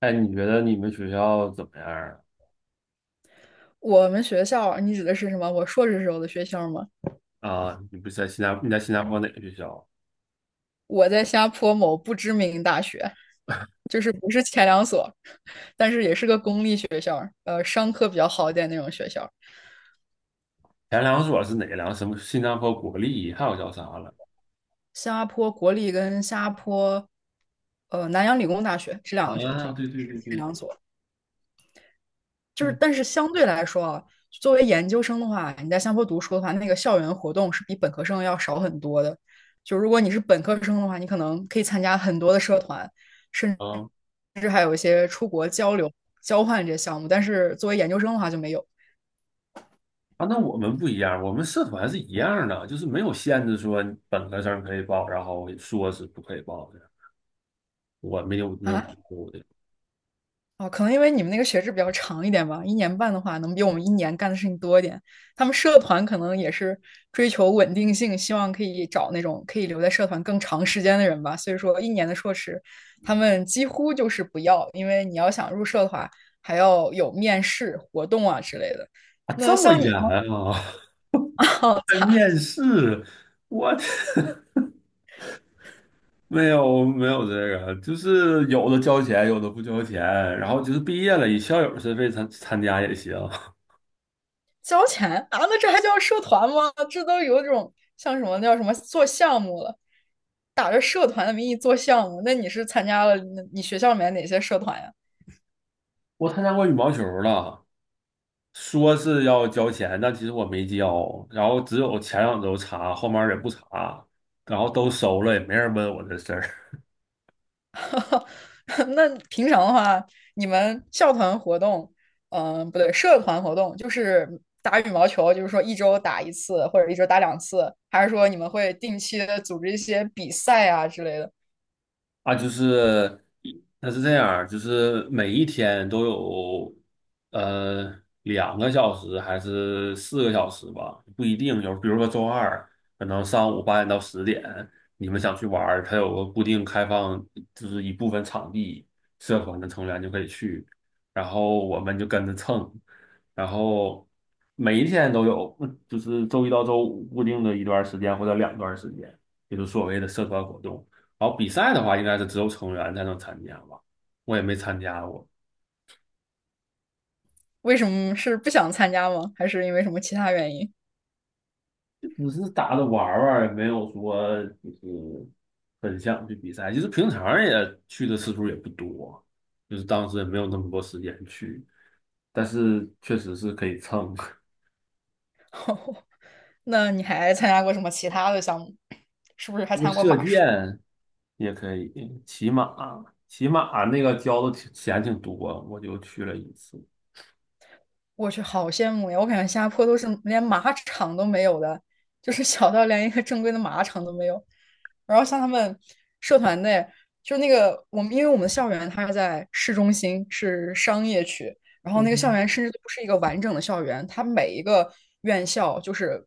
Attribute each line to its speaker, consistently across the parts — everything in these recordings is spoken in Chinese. Speaker 1: 哎，你觉得你们学校怎么样
Speaker 2: 我们学校，你指的是什么？我硕士时候的学校吗？
Speaker 1: 啊？啊，你不是在新加你在新加坡哪个学校？
Speaker 2: 我在新加坡某不知名大学，就是不是前两所，但是也是个公立学校，商科比较好一点那种学校。
Speaker 1: 前两所是哪两？什么新加坡国立，还有叫啥了？
Speaker 2: 新加坡国立跟新加坡，南洋理工大学这两个学
Speaker 1: 啊，
Speaker 2: 校
Speaker 1: 对对
Speaker 2: 是
Speaker 1: 对
Speaker 2: 前
Speaker 1: 对。
Speaker 2: 两所，就是
Speaker 1: 嗯。
Speaker 2: 但是相对来说啊，作为研究生的话，你在新加坡读书的话，那个校园活动是比本科生要少很多的。就如果你是本科生的话，你可能可以参加很多的社团。甚至。
Speaker 1: 啊
Speaker 2: 甚至还有一些出国交流、交换这些项目，但是作为研究生的话就没有
Speaker 1: 那我们不一样，我们社团是一样的，就是没有限制说本科生可以报，然后硕士不可以报的，我没有
Speaker 2: 啊。
Speaker 1: 读的。
Speaker 2: 哦，可能因为你们那个学制比较长一点吧，一年半的话，能比我们一年干的事情多一点。他们社团可能也是追求稳定性，希望可以找那种可以留在社团更长时间的人吧。所以说，一年的硕士，他们几乎就是不要，因为你要想入社的话，还要有面试活动啊之类的。
Speaker 1: 啊，
Speaker 2: 那
Speaker 1: 这么
Speaker 2: 像你
Speaker 1: 严
Speaker 2: 呢？
Speaker 1: 啊。
Speaker 2: 哦，
Speaker 1: 还
Speaker 2: 擦，
Speaker 1: 面试，我的没有这个，就是有的交钱，有的不交钱，然后就是毕业了，以校友身份参加也行。
Speaker 2: 交钱啊？那这还叫社团吗？这都有种像什么那叫什么做项目了，打着社团的名义做项目。那你是参加了那你学校里面哪些社团呀？
Speaker 1: 我参加过羽毛球了，说是要交钱，但其实我没交，然后只有前2周查，后面儿也不查，然后都收了，也没人问我这事儿。
Speaker 2: 那平常的话，你们校团活动，嗯、不对，社团活动就是打羽毛球，就是说一周打一次或者一周打两次，还是说你们会定期的组织一些比赛啊之类的？
Speaker 1: 啊，就是那是这样儿就是每一天都有2个小时还是4个小时吧，不一定。有比如说周二，可能上午8点到10点，你们想去玩儿，它有个固定开放，就是一部分场地，社团的成员就可以去，然后我们就跟着蹭，然后每一天都有，就是周一到周五固定的一段儿时间或者两段儿时间，也就是所谓的社团活动。然后比赛的话，应该是只有成员才能参加吧，我也没参加过，
Speaker 2: 为什么是不想参加吗？还是因为什么其他原因？
Speaker 1: 就只是打着玩儿玩儿也没有说就是很想去比赛。其实平常也去的次数也不多，就是当时也没有那么多时间去，但是确实是可以蹭。
Speaker 2: 那你还参加过什么其他的项目？是不是还
Speaker 1: 就是
Speaker 2: 参加过
Speaker 1: 射
Speaker 2: 马术？
Speaker 1: 箭也可以，骑马，骑马那个交的挺钱挺多，我就去了一次。
Speaker 2: 我去，好羡慕呀！我感觉新加坡都是连马场都没有的，就是小到连一个正规的马场都没有。然后像他们社团内，就那个我们，因为我们的校园它是在市中心，是商业区，然后那个校
Speaker 1: 嗯。
Speaker 2: 园甚至都不是一个完整的校园，它每一个院校就是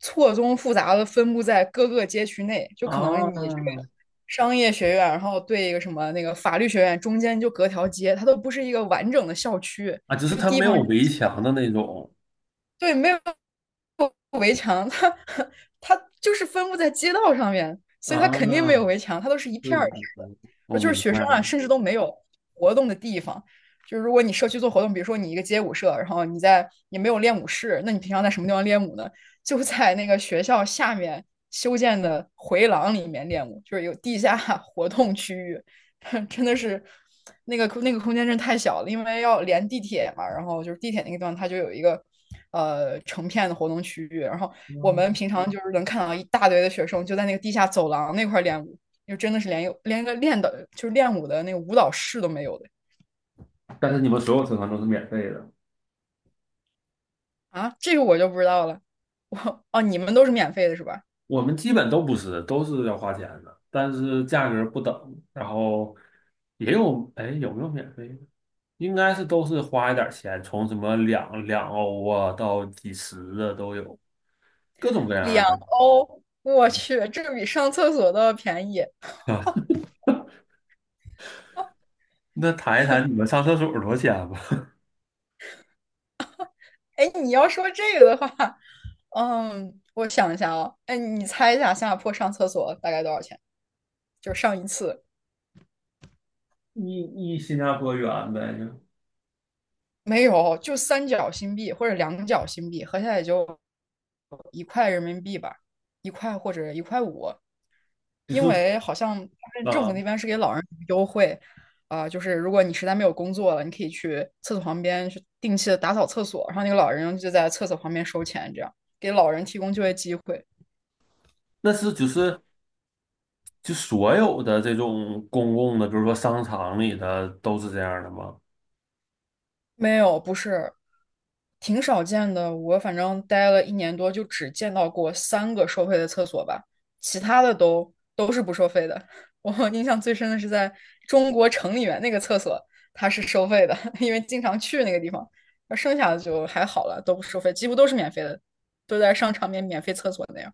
Speaker 2: 错综复杂的分布在各个街区内，就可能
Speaker 1: 啊
Speaker 2: 你这个商业学院，然后对一个什么那个法律学院，中间就隔条街，它都不是一个完整的校区。
Speaker 1: 只
Speaker 2: 就
Speaker 1: 是它
Speaker 2: 地
Speaker 1: 没
Speaker 2: 方
Speaker 1: 有围墙的那种
Speaker 2: 对，没有围墙，它 它就是分布在街道上面，所以它肯定没
Speaker 1: 啊。
Speaker 2: 有围墙，它都是一片
Speaker 1: 是
Speaker 2: 儿一
Speaker 1: 是
Speaker 2: 片儿的。
Speaker 1: 是，我
Speaker 2: 而就是
Speaker 1: 明
Speaker 2: 学生
Speaker 1: 白
Speaker 2: 啊，
Speaker 1: 了。
Speaker 2: 甚至都没有活动的地方。就是如果你社区做活动，比如说你一个街舞社，然后你在也没有练舞室，那你平常在什么地方练舞呢？就在那个学校下面修建的回廊里面练舞，就是有地下 活动区域。真的是那个空间真太小了，因为要连地铁嘛，然后就是地铁那个地方它就有一个成片的活动区域，然后我们
Speaker 1: 嗯，
Speaker 2: 平常就是能看到一大堆的学生就在那个地下走廊那块练舞，就真的是连有连个练的就是练舞的那个舞蹈室都没有的
Speaker 1: 但是你们所有车船都是免费的，
Speaker 2: 啊，这个我就不知道了。你们都是免费的是吧？
Speaker 1: 我们基本都不是，都是要花钱的，但是价格不等。然后也有，哎，有没有免费的？应该是都是花一点钱，从什么两欧啊到几十的都有，各种各样
Speaker 2: 两
Speaker 1: 的。
Speaker 2: 欧，哦我去，这个比上厕所都要便宜。
Speaker 1: 是，那谈一谈你们上厕所多少钱吧？
Speaker 2: 哎，你要说这个的话，嗯，我想一下啊，哎，你猜一下新加坡上厕所大概多少钱？就是上一次
Speaker 1: 一新加坡远呗，
Speaker 2: 没有，就三角新币或者两角新币，合下来也就一块人民币吧，一块或者一块五。因
Speaker 1: 就是
Speaker 2: 为好像他们政府
Speaker 1: 啊，
Speaker 2: 那边是给老人优惠，啊、就是如果你实在没有工作了，你可以去厕所旁边去定期的打扫厕所，然后那个老人就在厕所旁边收钱，这样给老人提供就业机会。
Speaker 1: 那是就是就所有的这种公共的，比如说商场里的，都是这样的吗？
Speaker 2: 没有，不是，挺少见的。我反正待了一年多，就只见到过三个收费的厕所吧，其他的都是不收费的。我印象最深的是在中国城里面那个厕所，它是收费的，因为经常去那个地方。而剩下的就还好了，都不收费，几乎都是免费的，都在商场免费厕所那样。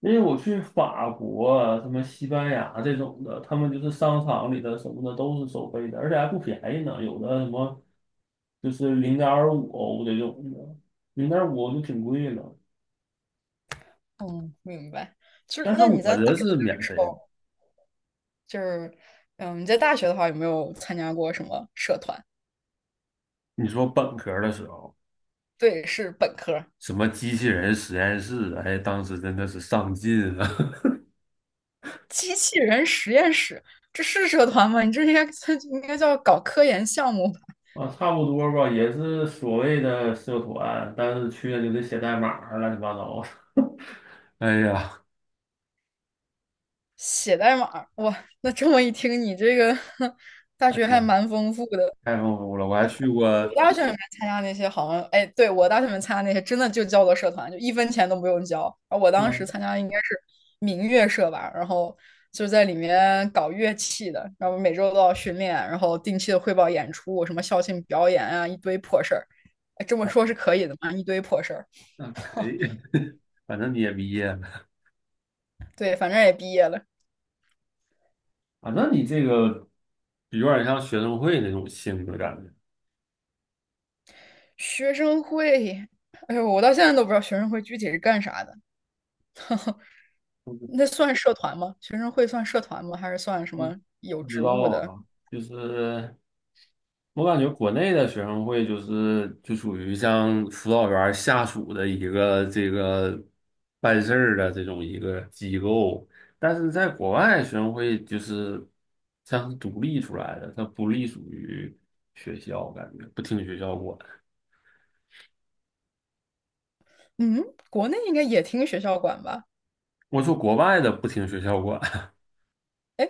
Speaker 1: 因为我去法国啊什么西班牙这种的，他们就是商场里的什么的都是收费的，而且还不便宜呢，有的什么就是零点五欧这种的，零点五欧就挺贵了。
Speaker 2: 嗯，明白。就是
Speaker 1: 但是
Speaker 2: 那你
Speaker 1: 我
Speaker 2: 在大
Speaker 1: 这
Speaker 2: 学
Speaker 1: 是免
Speaker 2: 的时
Speaker 1: 费的。
Speaker 2: 候，就是嗯，你在大学的话有没有参加过什么社团？
Speaker 1: 你说本科的时候，
Speaker 2: 对，是本科。
Speaker 1: 什么机器人实验室，哎，当时真的是上进啊！
Speaker 2: 机器人实验室，这是社团吗？你这应该 应该叫搞科研项目吧？
Speaker 1: 啊，差不多吧，也是所谓的社团，但是去了就得写代码儿乱七八糟的。哎呀，
Speaker 2: 写代码，哇，那这么一听，你这个 大
Speaker 1: 哎
Speaker 2: 学还
Speaker 1: 呀，
Speaker 2: 蛮丰富的。
Speaker 1: 太丰富了！我还去
Speaker 2: 我
Speaker 1: 过。
Speaker 2: 大学里面参加那些好像，哎，对，我大学里面参加那些真的就叫做社团，就一分钱都不用交。然后我当时
Speaker 1: 嗯，
Speaker 2: 参加应该是民乐社吧，然后就在里面搞乐器的，然后每周都要训练，然后定期的汇报演出，什么校庆表演啊，一堆破事儿。哎这么说是可以的吗？一堆破事儿。
Speaker 1: 那可以。反正你也毕业了，
Speaker 2: 对，反正也毕业了。
Speaker 1: 反正你这个有点像学生会那种性质感觉。
Speaker 2: 学生会，哎呦，我到现在都不知道学生会具体是干啥的。那算社团吗？学生会算社团吗？还是算什
Speaker 1: 嗯。
Speaker 2: 么有
Speaker 1: 不知
Speaker 2: 职
Speaker 1: 道
Speaker 2: 务的？
Speaker 1: 啊，就是我感觉国内的学生会就属于像辅导员下属的一个这个办事儿的这种一个机构，但是在国外学生会就是像是独立出来的，它不隶属于学校，感觉不听学校管。
Speaker 2: 嗯，国内应该也听学校管吧？
Speaker 1: 我说国外的不听学校管。
Speaker 2: 哎，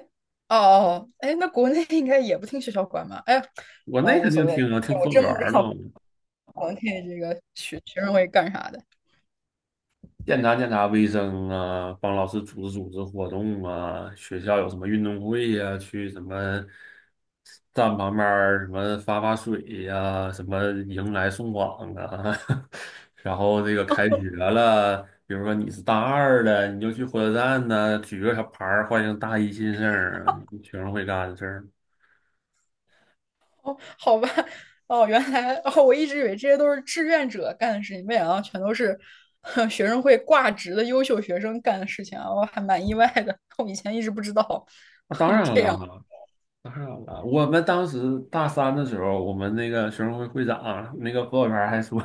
Speaker 2: 哦哦，哎，那国内应该也不听学校管吧？哎呀，
Speaker 1: 国内
Speaker 2: 无
Speaker 1: 肯
Speaker 2: 所
Speaker 1: 定
Speaker 2: 谓，
Speaker 1: 听啊，听
Speaker 2: 我
Speaker 1: 辅导
Speaker 2: 真
Speaker 1: 员
Speaker 2: 不知
Speaker 1: 儿的。
Speaker 2: 道国内这个学生会干啥的。
Speaker 1: 检查检查卫生啊，帮老师组织组织活动啊，学校有什么运动会呀、去什么站旁边儿什么发发水呀、什么迎来送往啊。然后这个开学了，比如说你是大二的，你就去火车站呢、举个小牌儿欢迎大一新生儿，学生会干的事儿。
Speaker 2: 好吧，哦，原来哦，我一直以为这些都是志愿者干的事情，没想到全都是哼 学生会挂职的优秀学生干的事情啊，我还蛮意外的，我以前一直不知道。
Speaker 1: 那当
Speaker 2: 哦
Speaker 1: 然
Speaker 2: 这样
Speaker 1: 了，当然了，我们当时大三的时候，我们那个学生会会长那个辅导员还说，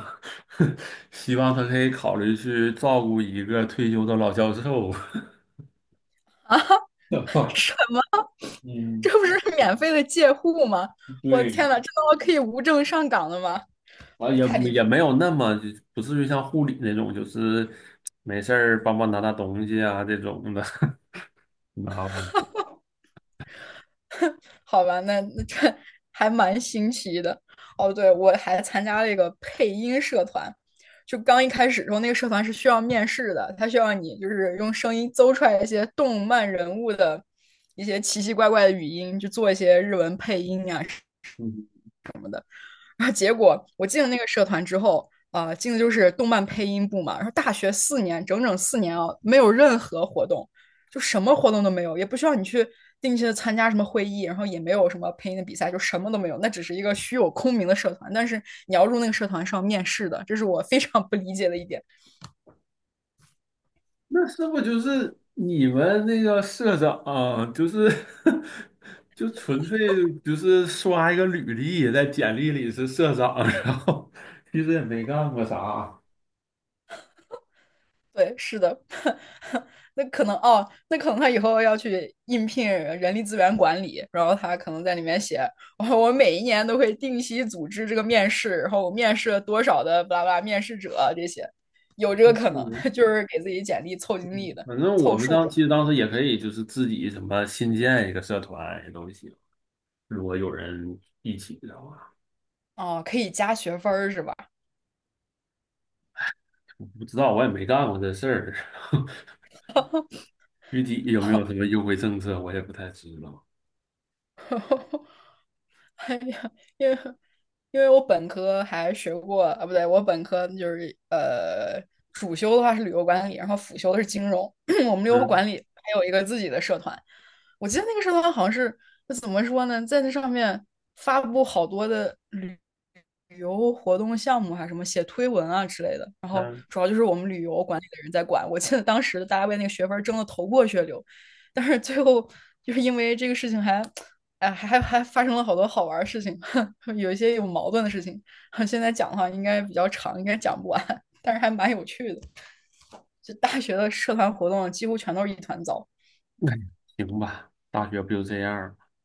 Speaker 1: 希望他可以考虑去照顾一个退休的老教授。
Speaker 2: 啊？什么？这
Speaker 1: 嗯，
Speaker 2: 不是免费的借户吗？我的
Speaker 1: 对，
Speaker 2: 天呐，这他妈可以无证上岗的吗？
Speaker 1: 啊，也
Speaker 2: 太离
Speaker 1: 也
Speaker 2: 谱！
Speaker 1: 没有那么就不至于像护理那种，就是没事儿帮忙拿拿东西啊这种的。你知道吧？
Speaker 2: 好吧，那那这还蛮新奇的。哦，对，我还参加了一个配音社团，就刚一开始的时候，那个社团是需要面试的，他需要你就是用声音诌出来一些动漫人物的一些奇奇怪怪的语音，就做一些日文配音啊然后结果我进了那个社团之后，进的就是动漫配音部嘛。然后大学四年，整整四年啊，没有任何活动，就什么活动都没有，也不需要你去定期的参加什么会议，然后也没有什么配音的比赛，就什么都没有。那只是一个虚有空名的社团，但是你要入那个社团是要面试的，这是我非常不理解的一点。
Speaker 1: 那是不就是你们那个社长，就是 就纯粹就是刷一个履历，在简历里是社长。然后其实也没干过啥。
Speaker 2: 对，是的，那可能哦，那可能他以后要去应聘人力资源管理，然后他可能在里面写，我每一年都会定期组织这个面试，然后我面试了多少的巴拉巴拉面试者这些，有这个可能，
Speaker 1: 嗯，
Speaker 2: 就是给自己简历凑经历的，
Speaker 1: 反正我
Speaker 2: 凑
Speaker 1: 们
Speaker 2: 数
Speaker 1: 当
Speaker 2: 的。
Speaker 1: 其实当时也可以就是自己什么新建一个社团也都行，如果有人一起的话，
Speaker 2: 哦，可以加学分儿是吧？
Speaker 1: 我不知道我也没干过这事儿。具体有没有什 么优惠政策我也不太知道。
Speaker 2: 哎呀，因为因为我本科还学过啊，不对，我本科就是主修的话是旅游管理，然后辅修的是金融。我们旅游
Speaker 1: 嗯
Speaker 2: 管理还有一个自己的社团，我记得那个社团好像是就怎么说呢，在那上面发布好多的旅游活动项目啊，还是什么写推文啊之类的。然后
Speaker 1: 嗯，
Speaker 2: 主要就是我们旅游管理的人在管。我记得当时大家为那个学分儿争得头破血流，但是最后就是因为这个事情还哎，还发生了好多好玩儿的事情，有一些有矛盾的事情。现在讲的话应该比较长，应该讲不完，但是还蛮有趣的。就大学的社团活动几乎全都是一团糟，
Speaker 1: 哎，行吧，大学不就这样儿